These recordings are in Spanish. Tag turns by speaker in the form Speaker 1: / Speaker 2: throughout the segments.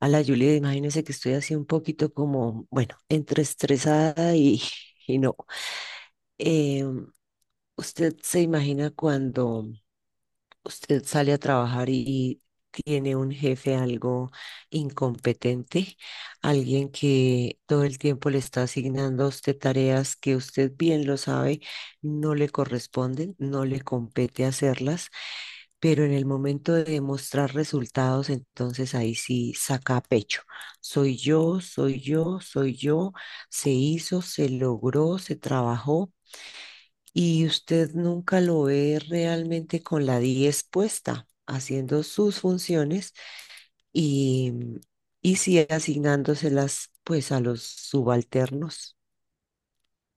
Speaker 1: A la Julia, imagínese que estoy así un poquito como, bueno, entre estresada y, y no. Eh, ¿Usted se imagina cuando usted sale a trabajar y tiene un jefe algo incompetente? Alguien que todo el tiempo le está asignando a usted tareas que usted bien lo sabe, no le corresponden, no le compete hacerlas pero en el momento de mostrar resultados, entonces ahí sí saca pecho. Soy yo, soy yo, soy yo, se hizo, se logró, se trabajó y usted nunca lo ve realmente con la 10 puesta, haciendo sus funciones y, y sí asignándoselas pues a los subalternos.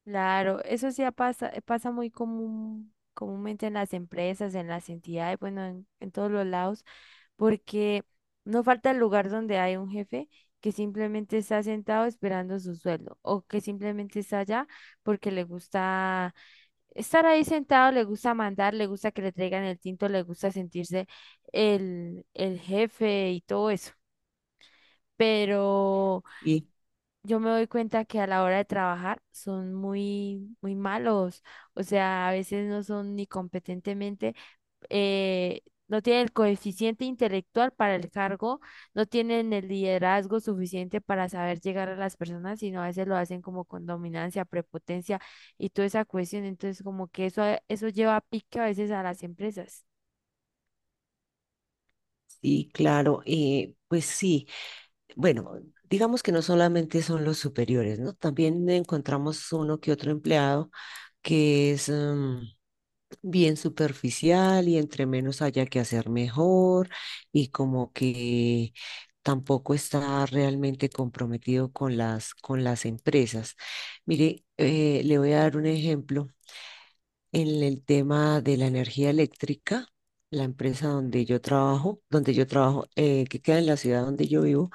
Speaker 2: Claro, eso sí pasa muy comúnmente en las empresas, en las entidades, bueno, en todos los lados, porque no falta el lugar donde hay un jefe que simplemente está sentado esperando su sueldo o que simplemente está allá porque le gusta estar ahí sentado, le gusta mandar, le gusta que le traigan el tinto, le gusta sentirse el jefe y todo eso. Pero
Speaker 1: Y,
Speaker 2: yo me doy cuenta que a la hora de trabajar son muy, muy malos. O sea, a veces no son ni competentemente, eh, no tienen el coeficiente intelectual para el cargo, no tienen el liderazgo suficiente para saber llegar a las personas, sino a veces lo hacen como con dominancia, prepotencia y toda esa cuestión. Entonces, como que eso lleva a pique a veces a las empresas.
Speaker 1: y claro, pues sí. Bueno, digamos que no solamente son los superiores, ¿no? También encontramos uno que otro empleado que es bien superficial y entre menos haya que hacer mejor y como que tampoco está realmente comprometido con las empresas. Mire, le voy a dar un ejemplo en el tema de la energía eléctrica. La empresa donde yo trabajo, que queda en la ciudad donde yo vivo,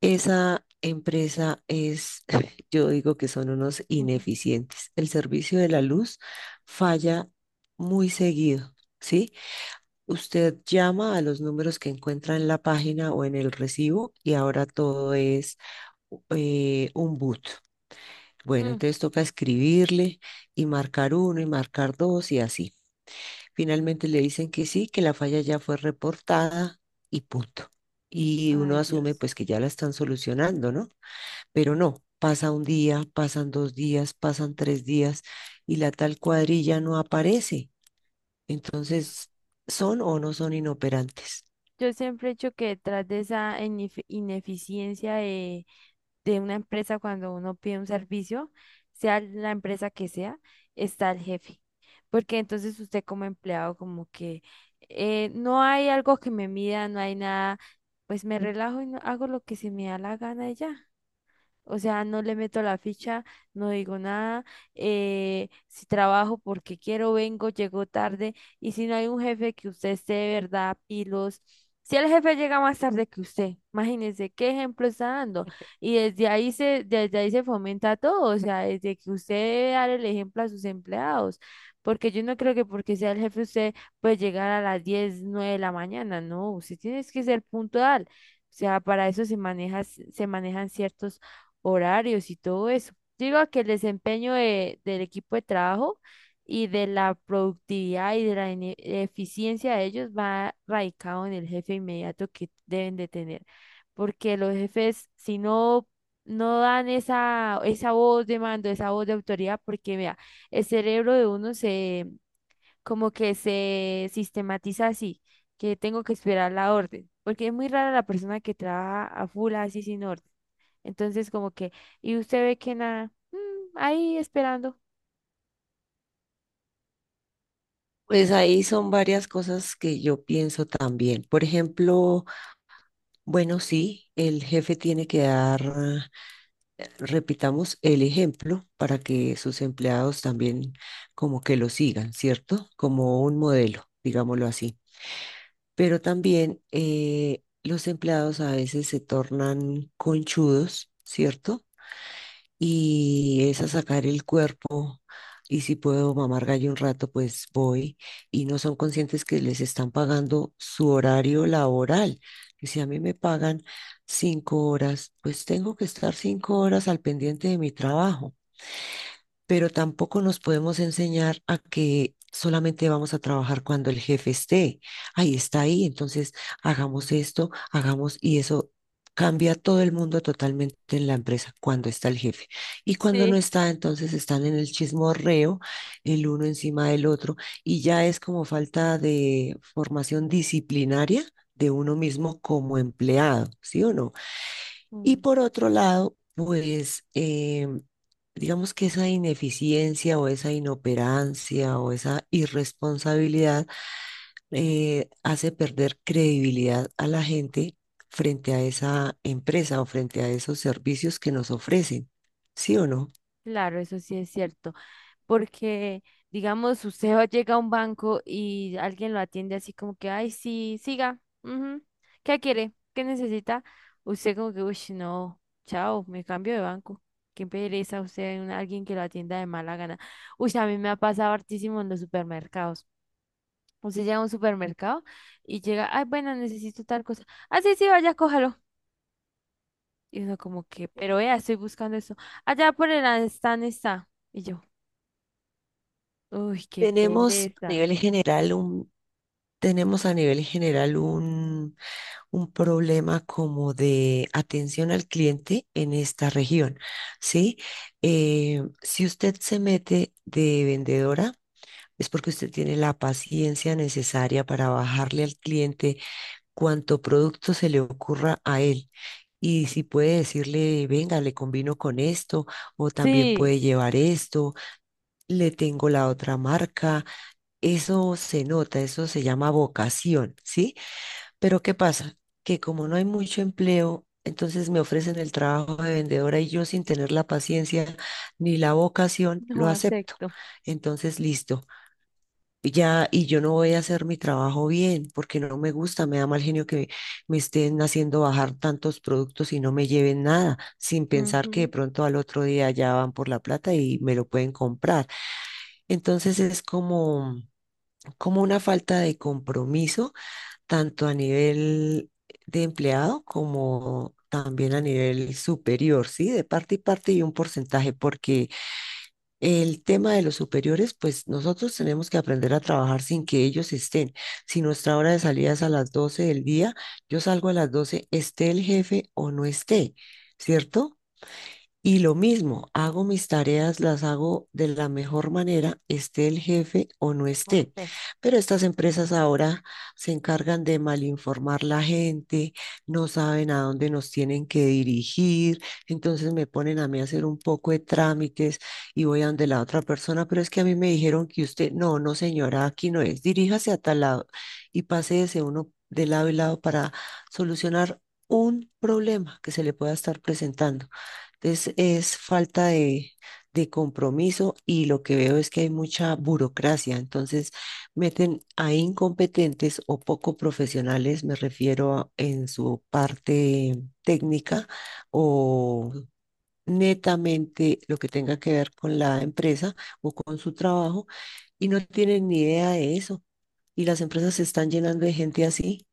Speaker 1: esa empresa es, yo digo que son unos
Speaker 2: Ujú.
Speaker 1: ineficientes. El servicio de la luz falla muy seguido, ¿sí? Usted llama a los números que encuentra en la página o en el recibo y ahora todo es un boot. Bueno,
Speaker 2: Mm.
Speaker 1: entonces toca escribirle y marcar uno y marcar dos y así. Finalmente le dicen que sí, que la falla ya fue reportada y punto. Y uno
Speaker 2: Ay,
Speaker 1: asume
Speaker 2: Dios.
Speaker 1: pues que ya la están solucionando, ¿no? Pero no, pasa un día, pasan 2 días, pasan 3 días y la tal cuadrilla no aparece. Entonces, ¿son o no son inoperantes?
Speaker 2: Yo siempre he dicho que detrás de esa ineficiencia de una empresa cuando uno pide un servicio, sea la empresa que sea, está el jefe. Porque entonces usted como empleado como que no hay algo que me mida, no hay nada, pues me relajo y hago lo que se me da la gana y ya. O sea, no le meto la ficha, no digo nada. Si trabajo porque quiero, vengo, llego tarde. Y si no hay un jefe que usted esté de verdad, pilos. Si el jefe llega más tarde que usted, imagínese qué ejemplo está dando. Y desde ahí se fomenta todo. O sea, desde que usted debe dar el ejemplo a sus empleados. Porque yo no creo que porque sea el jefe usted puede llegar a las 10 9 de la mañana. No, usted tiene que ser puntual. O sea, para eso se manejan ciertos horarios y todo eso. Yo digo que el desempeño del equipo de trabajo y de la productividad y de la eficiencia de ellos va radicado en el jefe inmediato que deben de tener, porque los jefes, si no, no dan esa voz de mando, esa voz de autoridad, porque vea, el cerebro de uno se como que se sistematiza así, que tengo que esperar la orden, porque es muy rara la persona que trabaja a full así sin orden. Entonces, como que, y usted ve que nada, ahí esperando.
Speaker 1: Pues ahí son varias cosas que yo pienso también. Por ejemplo, bueno, sí, el jefe tiene que dar, repitamos, el ejemplo para que sus empleados también como que lo sigan, ¿cierto? Como un modelo, digámoslo así. Pero también los empleados a veces se tornan conchudos, ¿cierto? Y es a sacar el cuerpo y si puedo mamar gallo un rato, pues voy y no son conscientes que les están pagando su horario laboral. Y si a mí me pagan 5 horas, pues tengo que estar 5 horas al pendiente de mi trabajo pero tampoco nos podemos enseñar a que solamente vamos a trabajar cuando el jefe esté. Ahí está ahí, entonces hagamos esto, hagamos y eso cambia todo el mundo totalmente en la empresa cuando está el jefe. Y cuando no
Speaker 2: Sí.
Speaker 1: está, entonces están en el chismorreo, el uno encima del otro, y ya es como falta de formación disciplinaria de uno mismo como empleado, ¿sí o no? Y
Speaker 2: Mm,
Speaker 1: por otro lado, pues digamos que esa ineficiencia o esa inoperancia o esa irresponsabilidad hace perder credibilidad a la gente frente a esa empresa o frente a esos servicios que nos ofrecen, ¿sí o no?
Speaker 2: claro, eso sí es cierto. Porque, digamos, usted llega a un banco y alguien lo atiende así como que, ay, sí, siga, ujú, ¿qué quiere? ¿Qué necesita? Usted como que, uy, no, chao, me cambio de banco. Qué pereza usted, alguien que lo atienda de mala gana. Uy, a mí me ha pasado hartísimo en los supermercados. Usted llega a un supermercado y llega, ay, bueno, necesito tal cosa. Ah, sí, sí, vaya, cójalo. Y uno como que, pero vea, estoy buscando eso. Allá por el stand está. Y yo, uy, qué
Speaker 1: Tenemos a
Speaker 2: pereza.
Speaker 1: nivel general un, Tenemos a nivel general un problema como de atención al cliente en esta región, ¿sí? Si usted se mete de vendedora, es porque usted tiene la paciencia necesaria para bajarle al cliente cuanto producto se le ocurra a él. Y si puede decirle, venga, le combino con esto, o también
Speaker 2: Sí,
Speaker 1: puede llevar esto, le tengo la otra marca, eso se nota, eso se llama vocación, ¿sí? Pero ¿qué pasa? Que como no hay mucho empleo, entonces me ofrecen el trabajo de vendedora y yo sin tener la paciencia ni la vocación, lo
Speaker 2: no
Speaker 1: acepto.
Speaker 2: acepto.
Speaker 1: Entonces, listo. Ya, y yo no voy a hacer mi trabajo bien porque no me gusta, me da mal genio que me estén haciendo bajar tantos productos y no me lleven nada, sin pensar que de
Speaker 2: Ujú.
Speaker 1: pronto al otro día ya van por la plata y me lo pueden comprar. Entonces es como, como una falta de compromiso tanto a nivel de empleado como también a nivel superior, ¿sí? De parte y parte y un porcentaje, porque el tema de los superiores, pues nosotros tenemos que aprender a trabajar sin que ellos estén. Si nuestra hora de salida es a las 12 del día, yo salgo a las 12, esté el jefe o no esté, ¿cierto? Y lo mismo, hago mis tareas, las hago de la mejor manera, esté el jefe o no
Speaker 2: No
Speaker 1: esté.
Speaker 2: sé.
Speaker 1: Pero estas empresas ahora se encargan de malinformar la gente, no saben a dónde nos tienen que dirigir, entonces me ponen a mí a hacer un poco de trámites y voy a donde la otra persona, pero es que a mí me dijeron que usted, no, no señora, aquí no es, diríjase a tal lado y paséese uno de lado y lado para solucionar un problema que se le pueda estar presentando. Entonces es falta de compromiso y lo que veo es que hay mucha burocracia. Entonces meten a incompetentes o poco profesionales, me refiero en su parte técnica o netamente lo que tenga que ver con la empresa o con su trabajo y no tienen ni idea de eso. Y las empresas se están llenando de gente así.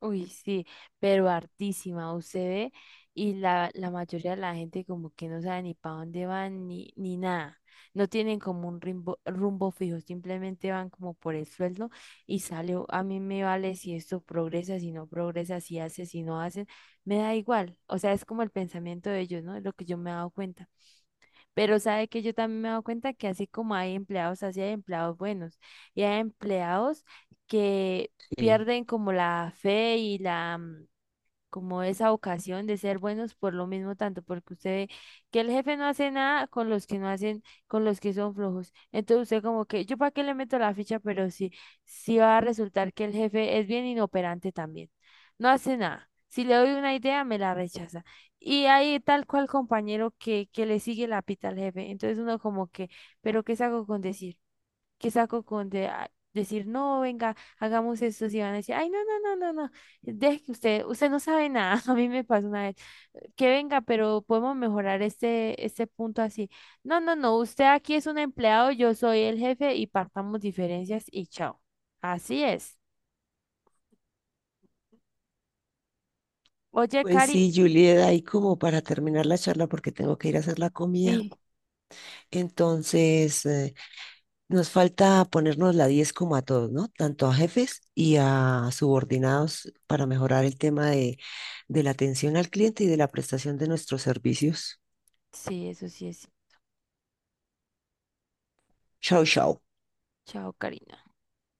Speaker 2: Uy, sí, pero hartísima, usted ve, y la mayoría de la gente como que no sabe ni para dónde van ni nada. No tienen como un rumbo, rumbo fijo, simplemente van como por el sueldo y sale, a mí me vale si esto progresa, si no progresa, si hace, si no hacen, me da igual. O sea, es como el pensamiento de ellos, ¿no? Es lo que yo me he dado cuenta. Pero sabe que yo también me he dado cuenta que así como hay empleados, así hay empleados buenos y hay empleados que
Speaker 1: Sí.
Speaker 2: pierden como la fe y como esa ocasión de ser buenos por lo mismo tanto, porque usted ve que el jefe no hace nada con los que no hacen, con los que son flojos. Entonces usted como que, ¿yo para qué le meto la ficha? Pero sí, sí va a resultar que el jefe es bien inoperante también. No hace nada. Si le doy una idea, me la rechaza. Y hay tal cual compañero que le sigue la pita al jefe. Entonces uno como que, ¿pero qué saco con decir? Que saco con decir, no, venga, hagamos esto, si van a decir, ay, no, no, no, no, no, deje que usted, usted no sabe nada, a mí me pasó una vez, que venga, pero podemos mejorar este punto así, no, no, no, usted aquí es un empleado, yo soy el jefe y partamos diferencias y chao, así es. Oye,
Speaker 1: Pues sí,
Speaker 2: Cari,
Speaker 1: Julieta, y como para terminar la charla porque tengo que ir a hacer la comida.
Speaker 2: sí,
Speaker 1: Entonces, nos falta ponernos la 10 como a todos, ¿no? Tanto a jefes y a subordinados para mejorar el tema de la atención al cliente y de la prestación de nuestros servicios.
Speaker 2: sí, eso sí es,
Speaker 1: Chao, chao.
Speaker 2: chao, Karina.